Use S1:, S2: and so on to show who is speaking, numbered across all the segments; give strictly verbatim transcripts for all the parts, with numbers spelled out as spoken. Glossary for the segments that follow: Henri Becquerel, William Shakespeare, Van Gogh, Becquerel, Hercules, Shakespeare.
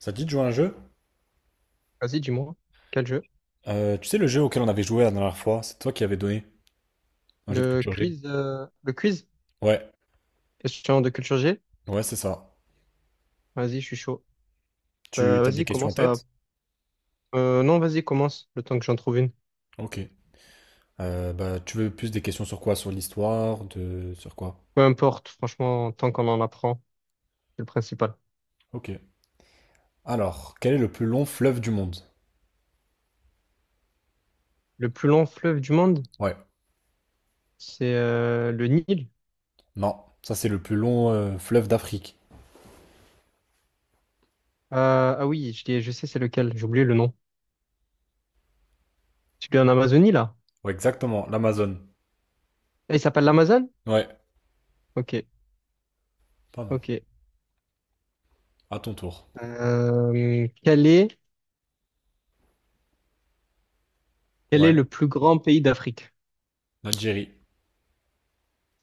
S1: Ça te dit de jouer à un jeu?
S2: Vas-y, dis-moi, quel jeu?
S1: Euh, tu sais le jeu auquel on avait joué la dernière fois, c'est toi qui avais donné un jeu de
S2: Le
S1: culture G.
S2: quiz, euh, le quiz?
S1: Ouais,
S2: Question de culture G?
S1: ouais, c'est ça.
S2: Vas-y, je suis chaud.
S1: Tu
S2: Euh,
S1: as des
S2: vas-y,
S1: questions en
S2: commence à—
S1: tête?
S2: Euh, non, vas-y, commence, le temps que j'en trouve une.
S1: Ok. Euh, bah, tu veux plus des questions sur quoi? Sur l'histoire, de sur quoi?
S2: Peu importe, franchement, tant qu'on en apprend, c'est le principal.
S1: Ok. Alors, quel est le plus long fleuve du monde?
S2: Le plus long fleuve du monde,
S1: Ouais.
S2: c'est euh, le Nil.
S1: Non, ça c'est le plus long euh, fleuve d'Afrique.
S2: Euh, ah oui, je, l'ai- je sais c'est lequel, j'ai oublié le nom. Celui en Amazonie, là?
S1: Ouais, exactement, l'Amazone.
S2: Ah, il s'appelle l'Amazone?
S1: Ouais,
S2: Ok,
S1: pas mal.
S2: ok.
S1: À ton tour.
S2: Euh, quel est, quel est
S1: Ouais.
S2: le plus grand pays d'Afrique?
S1: L'Algérie.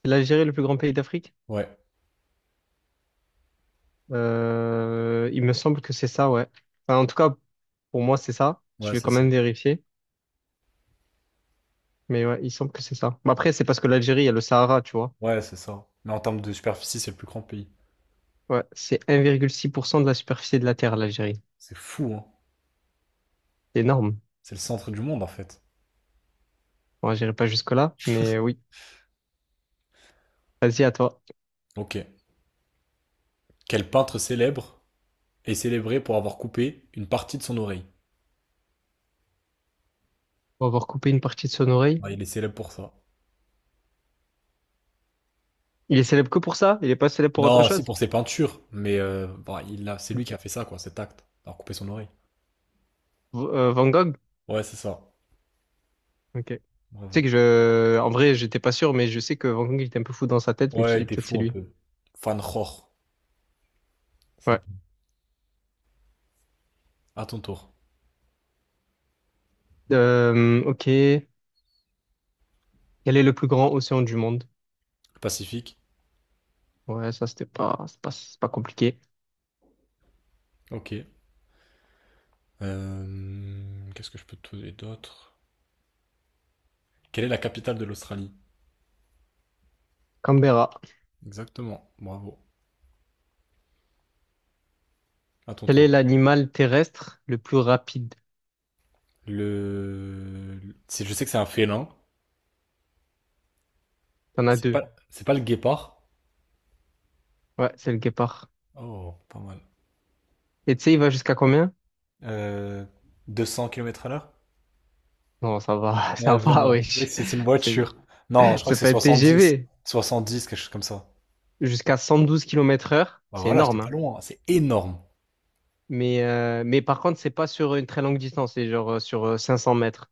S2: C'est l'Algérie le plus grand pays d'Afrique?
S1: Ouais,
S2: Euh, il me semble que c'est ça, ouais. Enfin, en tout cas, pour moi, c'est ça.
S1: ouais,
S2: Je vais
S1: c'est
S2: quand
S1: ça.
S2: même vérifier. Mais ouais, il semble que c'est ça. Mais après, c'est parce que l'Algérie, il y a le Sahara, tu vois.
S1: Ouais, c'est ça. Mais en termes de superficie, c'est le plus grand pays.
S2: Ouais, c'est un virgule six pour cent de la superficie de la Terre, l'Algérie.
S1: C'est fou, hein.
S2: C'est énorme.
S1: C'est le centre du monde en fait.
S2: Bon, j'irai pas jusque-là, mais oui. Vas-y, à toi.
S1: Ok. Quel peintre célèbre est célébré pour avoir coupé une partie de son oreille?
S2: On va avoir coupé une partie de son oreille.
S1: Ouais, il est célèbre pour ça.
S2: Il est célèbre que pour ça? Il est pas célèbre pour autre
S1: Non, si
S2: chose?
S1: pour ses peintures, mais euh, bah, il a, c'est lui qui a fait ça, quoi, cet acte, d'avoir coupé son oreille.
S2: V- euh, Van Gogh?
S1: Ouais, c'est ça.
S2: Ok. Tu sais
S1: Bravo.
S2: que je... En vrai, j'étais pas sûr, mais je sais que Van Gogh, il était un peu fou dans sa tête. Je me suis
S1: Ouais, il
S2: dit,
S1: était
S2: peut-être c'est
S1: fou un
S2: lui.
S1: peu. Van Gogh. Ça.
S2: Ouais.
S1: À ton tour.
S2: Euh, ok. Quel est le plus grand océan du monde?
S1: Pacifique.
S2: Ouais, ça, c'était pas, c'est pas, c'est pas compliqué.
S1: Ok. Euh, qu'est-ce que je peux te donner d'autre? Quelle est la capitale de l'Australie?
S2: Canberra.
S1: Exactement. Bravo. À ton
S2: Quel
S1: tour.
S2: est l'animal terrestre le plus rapide?
S1: Le c'est- je sais que c'est un félin.
S2: T'en as
S1: C'est
S2: deux.
S1: pas c'est pas le guépard.
S2: Ouais, c'est le guépard.
S1: Oh, pas mal.
S2: Et tu sais, il va jusqu'à combien?
S1: Euh, deux cents kilomètres à l'heure?
S2: Non, ça va,
S1: Ouais,
S2: ça va,
S1: vraiment.
S2: wesh.
S1: C'est c'est une
S2: C'est,
S1: voiture. Non, je crois
S2: c'est
S1: que c'est
S2: pas un
S1: soixante-dix,
S2: T G V.
S1: soixante-dix quelque chose comme ça.
S2: Jusqu'à cent douze kilomètres heure.
S1: Bah
S2: C'est
S1: voilà, j'étais
S2: énorme,
S1: pas
S2: hein.
S1: loin. C'est énorme.
S2: Mais, euh, mais par contre, c'est pas sur une très longue distance. C'est genre euh, sur euh, cinq cents mètres.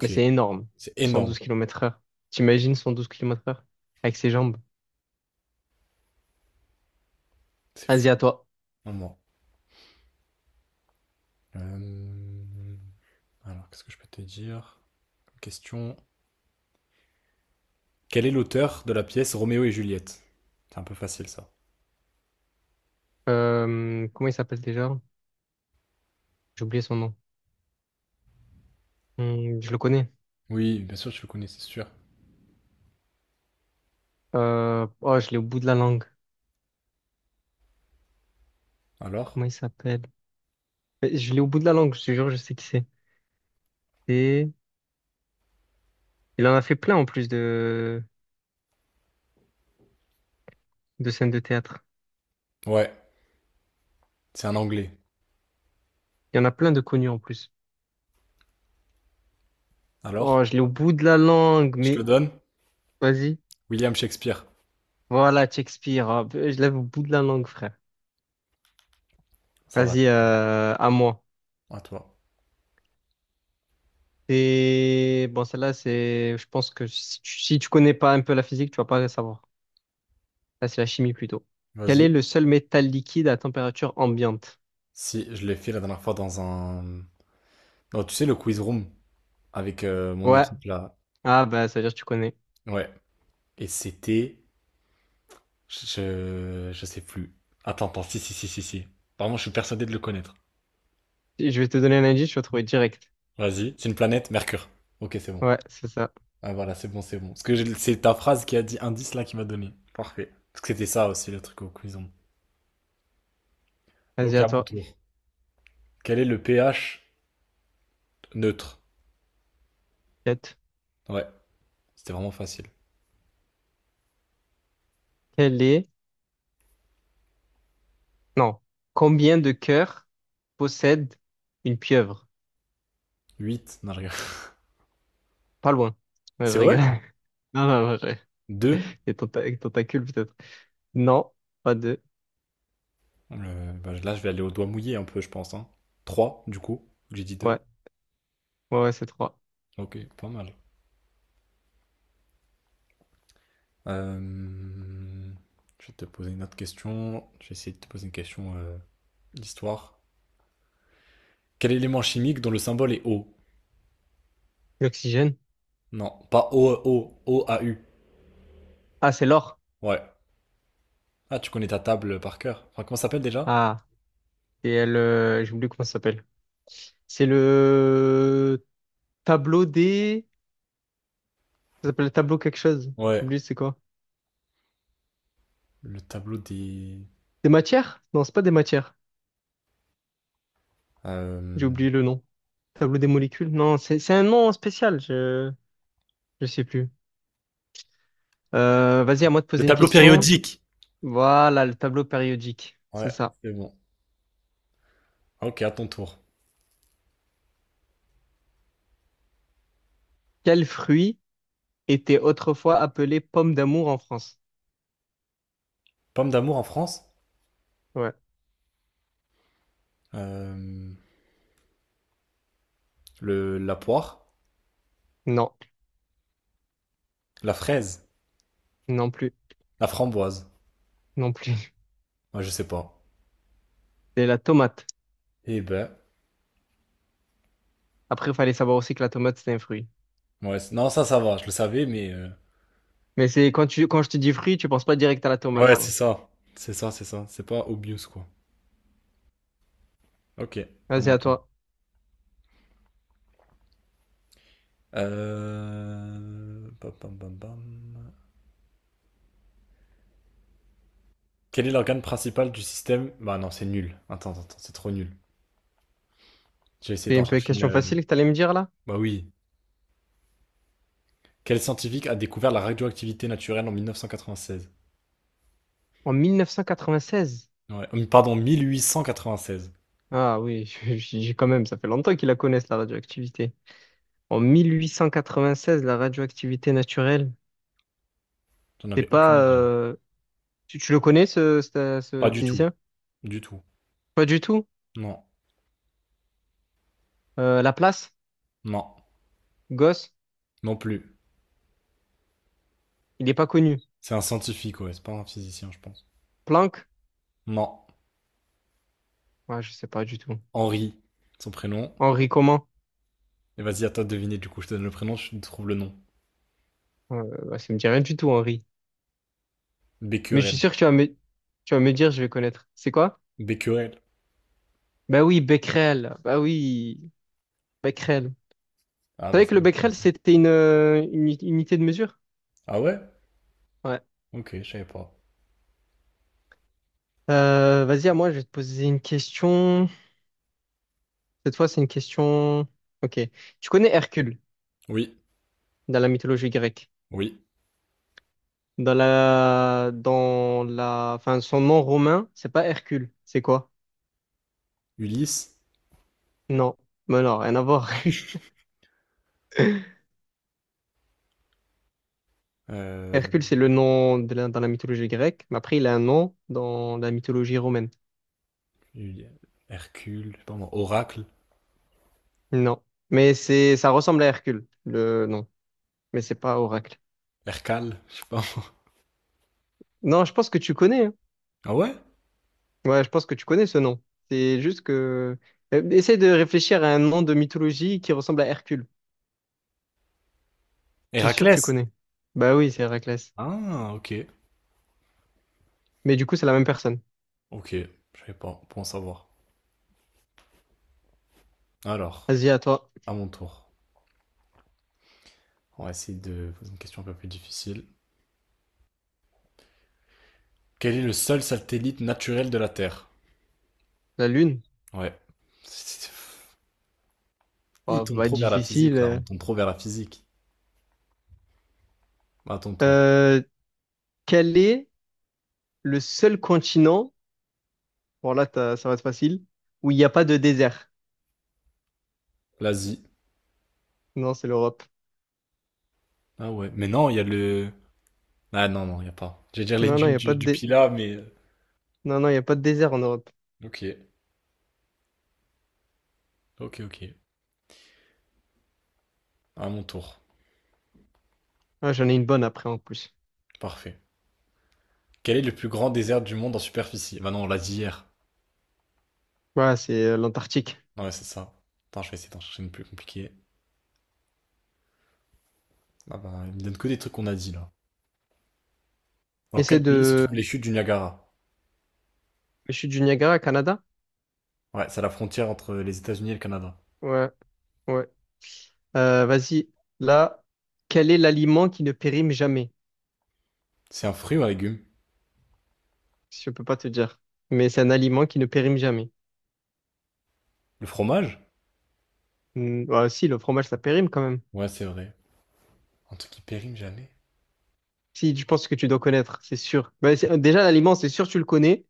S2: Mais c'est énorme.
S1: c'est
S2: cent
S1: énorme.
S2: douze kilomètres heure. T'imagines cent douze kilomètres heure? Avec ses jambes.
S1: C'est
S2: Vas-y, à
S1: fou.
S2: toi.
S1: Vraiment. Euh, Alors, qu'est-ce que je peux te dire? Question. Quel est l'auteur de la pièce Roméo et Juliette? C'est un peu facile ça.
S2: Euh, comment il s'appelle déjà? J'ai oublié son nom. Hmm, je le connais.
S1: Oui, bien sûr, je le connais, c'est sûr.
S2: Euh, oh, je l'ai au bout de la langue.
S1: Alors?
S2: Comment il s'appelle? Euh, Je l'ai au bout de la langue, je te jure, je sais qui c'est. Et il en a fait plein en plus de, de scènes de théâtre.
S1: Ouais, c'est un anglais.
S2: Il y en a plein de connus en plus.
S1: Alors?
S2: Oh, je l'ai au bout de la langue,
S1: Je te le
S2: mais
S1: donne?
S2: vas-y.
S1: William Shakespeare.
S2: Voilà, Shakespeare. Ah, je l'avais au bout de la langue, frère.
S1: Ça va.
S2: Vas-y, euh, à moi.
S1: À toi.
S2: Et bon, celle-là, c'est, je pense que si tu, si tu, connais pas un peu la physique, tu vas pas la savoir. Là, c'est la chimie plutôt. Quel
S1: Vas-y.
S2: est le seul métal liquide à température ambiante?
S1: Si, je l'ai fait la dernière fois dans un Oh, tu sais, le quiz room avec euh, mon
S2: Ouais.
S1: équipe là.
S2: Ah, bah, ça veut dire que tu connais.
S1: Ouais. Et c'était Je... je sais plus. Attends, attends. Si, si, si, si, si. Apparemment, je suis persuadé de le connaître.
S2: Si je vais te donner un indice, tu vas trouver direct.
S1: Vas-y. C'est une planète, Mercure. Ok, c'est bon.
S2: Ouais, c'est ça.
S1: Ah, voilà, c'est bon, c'est bon. Parce que j'ai- c'est ta phrase qui a dit indice là qui m'a donné. Parfait. Parce que c'était ça aussi le truc au quiz room.
S2: Vas-y,
S1: Ok,
S2: à
S1: à mon
S2: toi.
S1: tour. Quel est le pH neutre?
S2: Quatre.
S1: Ouais, c'était vraiment facile.
S2: Quel est... Non. Combien de cœurs possède une pieuvre?
S1: Huit. Non, je rigole.
S2: Pas loin. Ouais, je
S1: C'est
S2: rigole.
S1: vrai?
S2: Non, non, non, je...
S1: Deux.
S2: Et tenta- et tentacule, peut-être. Non, pas deux.
S1: Euh, bah, là, je vais aller au doigt mouillé un peu, je pense. Hein. trois, du coup. J'ai dit deux.
S2: Ouais, ouais, ouais, c'est trois.
S1: Ok, pas mal. Euh, Je vais te poser une autre question. Je vais essayer de te poser une question euh, d'histoire. Quel élément chimique dont le symbole est O?
S2: L'oxygène?
S1: Non, pas O, O, O, A, U.
S2: Ah, c'est l'or.
S1: Ouais. Ah, tu connais ta table par cœur. Enfin, comment ça s'appelle déjà?
S2: Ah, et elle... euh, j'ai oublié comment ça s'appelle. C'est le tableau des— Ça s'appelle le tableau quelque chose. J'ai
S1: Ouais.
S2: oublié c'est quoi.
S1: Le tableau des
S2: Des matières? Non, c'est pas des matières. J'ai
S1: Euh,
S2: oublié le nom. Tableau des molécules? Non, c'est c'est un nom spécial, je je sais plus. Euh, vas-y, à moi de
S1: le
S2: poser une
S1: tableau
S2: question.
S1: périodique.
S2: Voilà, le tableau périodique, c'est
S1: Ouais,
S2: ça.
S1: c'est bon. Ok, à ton tour.
S2: Quel fruit était autrefois appelé pomme d'amour en France?
S1: Pomme d'amour en France.
S2: Ouais.
S1: Euh, le, la poire.
S2: Non,
S1: La fraise.
S2: non plus,
S1: La framboise.
S2: non plus.
S1: Moi, je sais pas.
S2: C'est la tomate.
S1: Eh ben.
S2: Après, il fallait savoir aussi que la tomate, c'est un fruit.
S1: Ouais, c'est- non, ça, ça va. Je le savais, mais. euh,
S2: Mais c'est quand tu quand je te dis fruit, tu penses pas direct à la tomate,
S1: Ouais, c'est
S2: quoi.
S1: ça. C'est ça, c'est ça. C'est pas obvious, quoi. Ok, à
S2: Vas-y,
S1: mon
S2: à
S1: tour.
S2: toi.
S1: Euh pam, pam, pam, pam. Quel est l'organe principal du système? Bah non, c'est nul. Attends, attends, attends, c'est trop nul. J'ai essayé
S2: C'est
S1: d'en
S2: une pe-
S1: chercher une.
S2: question
S1: euh,
S2: facile que t'allais me dire là?
S1: Bah oui. Quel scientifique a découvert la radioactivité naturelle en mille neuf cent quatre-vingt-seize?
S2: En mille neuf cent quatre-vingt-seize.
S1: Ouais, hum, pardon, mille huit cent quatre-vingt-seize.
S2: Ah oui, j'ai quand même, ça fait longtemps qu'ils la connaissent, la radioactivité. En mille huit cent quatre-vingt-seize, la radioactivité naturelle,
S1: J'en
S2: c'est
S1: avais aucune
S2: pas...
S1: idée.
S2: euh, Tu, tu le connais, ce, ce,
S1: Pas
S2: ce
S1: du tout.
S2: physicien?
S1: Du tout.
S2: Pas du tout.
S1: Non.
S2: Euh, Laplace,
S1: Non.
S2: Gauss,
S1: Non plus.
S2: il n'est pas connu.
S1: C'est un scientifique, ouais, c'est pas un physicien, je pense.
S2: Planck?
S1: Non,
S2: Ouais, je sais pas du tout.
S1: Henri, son prénom.
S2: Henri comment?
S1: Et vas-y, à toi de deviner, du coup, je te donne le prénom, je te trouve le nom.
S2: Euh, bah, ça me dit rien du tout, Henri. Mais je suis
S1: Becquerel.
S2: sûr que tu vas me, tu vas me dire, je vais connaître. C'est quoi?
S1: Becquerel.
S2: Bah oui, Becquerel. Bah oui, Becquerel.
S1: Ah
S2: Tu
S1: bah,
S2: savais
S1: ça
S2: que le
S1: va.
S2: Becquerel, c'était une, euh, une unité de mesure?
S1: Ah ouais?
S2: Ouais.
S1: Ok, je savais pas.
S2: Euh, vas-y, à moi, je vais te poser une question. Cette fois, c'est une question. Ok. Tu connais Hercule
S1: Oui,
S2: dans la mythologie grecque.
S1: oui.
S2: Dans la, dans la, enfin, son nom romain, c'est pas Hercule. C'est quoi?
S1: Ulysse,
S2: Non. Mais non, rien à voir.
S1: euh,
S2: Hercule, c'est le nom de la- dans la mythologie grecque, mais après, il a un nom dans la mythologie romaine.
S1: Uli- Hercule, je sais pas moi, Oracle,
S2: Non. Mais c'est, ça ressemble à Hercule, le nom. Mais c'est pas Oracle.
S1: Hercale, je sais pas moi.
S2: Non, je pense que tu connais, hein.
S1: Ah ouais?
S2: Ouais, je pense que tu connais ce nom. C'est juste que... Euh, essaie de réfléchir à un nom de mythologie qui ressemble à Hercule. C'est sûr, tu
S1: Héraclès.
S2: connais. Bah oui, c'est Héraclès.
S1: Ah, ok.
S2: Mais du coup, c'est la même personne.
S1: Ok, je savais pas, pour en savoir. Alors,
S2: Vas-y, à toi.
S1: à mon tour, on va essayer de poser une question un peu plus difficile. Quel est le seul satellite naturel de la Terre?
S2: La Lune?
S1: Ouais. Il
S2: Bah,
S1: tourne
S2: pas
S1: trop vers la
S2: difficile.
S1: physique, là. On
S2: euh.
S1: tourne trop vers la physique. À ton tour.
S2: Euh, Quel est le seul continent, bon là, t'as- ça va être facile, où il n'y a pas de désert?
S1: L'Asie.
S2: Non, c'est l'Europe.
S1: Ah ouais. Mais non, il y a le Ah non, non, il n'y a pas. J'allais dire les
S2: Non, non, il
S1: dunes
S2: n'y a
S1: du,
S2: pas de
S1: du
S2: dé-
S1: Pila, mais euh,
S2: non, non, il y a pas de désert en Europe.
S1: ok, ok, ok. À mon tour.
S2: Ah, j'en ai une bonne après, en plus.
S1: Parfait. Quel est le plus grand désert du monde en superficie? Bah non, on l'a dit hier.
S2: Voilà, c'est euh, l'Antarctique.
S1: Ouais, c'est ça. Attends, je vais essayer d'en chercher une plus compliquée. Ah bah, il me donne que des trucs qu'on a dit, là. Dans
S2: Essaie
S1: quel pays se
S2: de...
S1: trouvent les chutes du Niagara?
S2: Je suis du Niagara, Canada?
S1: Ouais, c'est à la frontière entre les États-Unis et le Canada.
S2: Ouais, ouais. Euh, vas-y. Là, quel est l'aliment qui ne périme jamais?
S1: C'est un fruit ou un légume?
S2: Si, je peux pas te dire. Mais c'est un aliment qui ne périme jamais.
S1: Le fromage?
S2: Hmm, bah, si, le fromage, ça périme quand même.
S1: Ouais, c'est vrai. Un truc qui périme jamais.
S2: Si, je pense que tu dois connaître, c'est sûr. Bah, c'est- déjà, l'aliment, c'est sûr, tu le connais,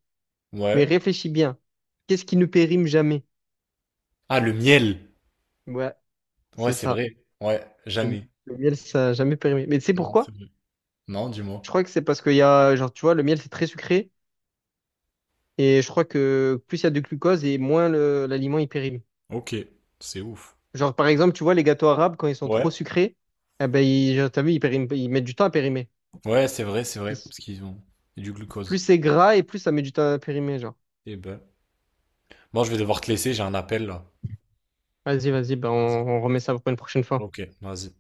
S2: mais
S1: Ouais.
S2: réfléchis bien. Qu'est-ce qui ne périme jamais?
S1: Ah, le miel.
S2: Ouais,
S1: Ouais,
S2: c'est
S1: c'est
S2: ça.
S1: vrai. Ouais,
S2: Le,
S1: jamais.
S2: le miel, ça n'a jamais périmé. Mais tu sais
S1: Non, c'est
S2: pourquoi?
S1: vrai. Non,
S2: Je
S1: dis-moi.
S2: crois que c'est parce qu'il y a, genre, tu vois, le miel, c'est très sucré. Et je crois que plus il y a de glucose et moins le- l'aliment, il périme.
S1: Ok, c'est ouf.
S2: Genre, par exemple, tu vois, les gâteaux arabes, quand ils sont trop
S1: Ouais.
S2: sucrés, eh ben, ils, genre, t'as vu, ils périment- ils mettent du temps à périmer.
S1: Ouais, c'est vrai, c'est vrai, parce qu'ils ont du
S2: Plus
S1: glucose.
S2: c'est gras et plus ça met du temps à périmer, genre.
S1: Eh ben. Bon, je vais devoir te laisser, j'ai un appel là.
S2: Vas-y, vas-y, bah on, on remet ça pour une prochaine fois.
S1: Ok, vas-y.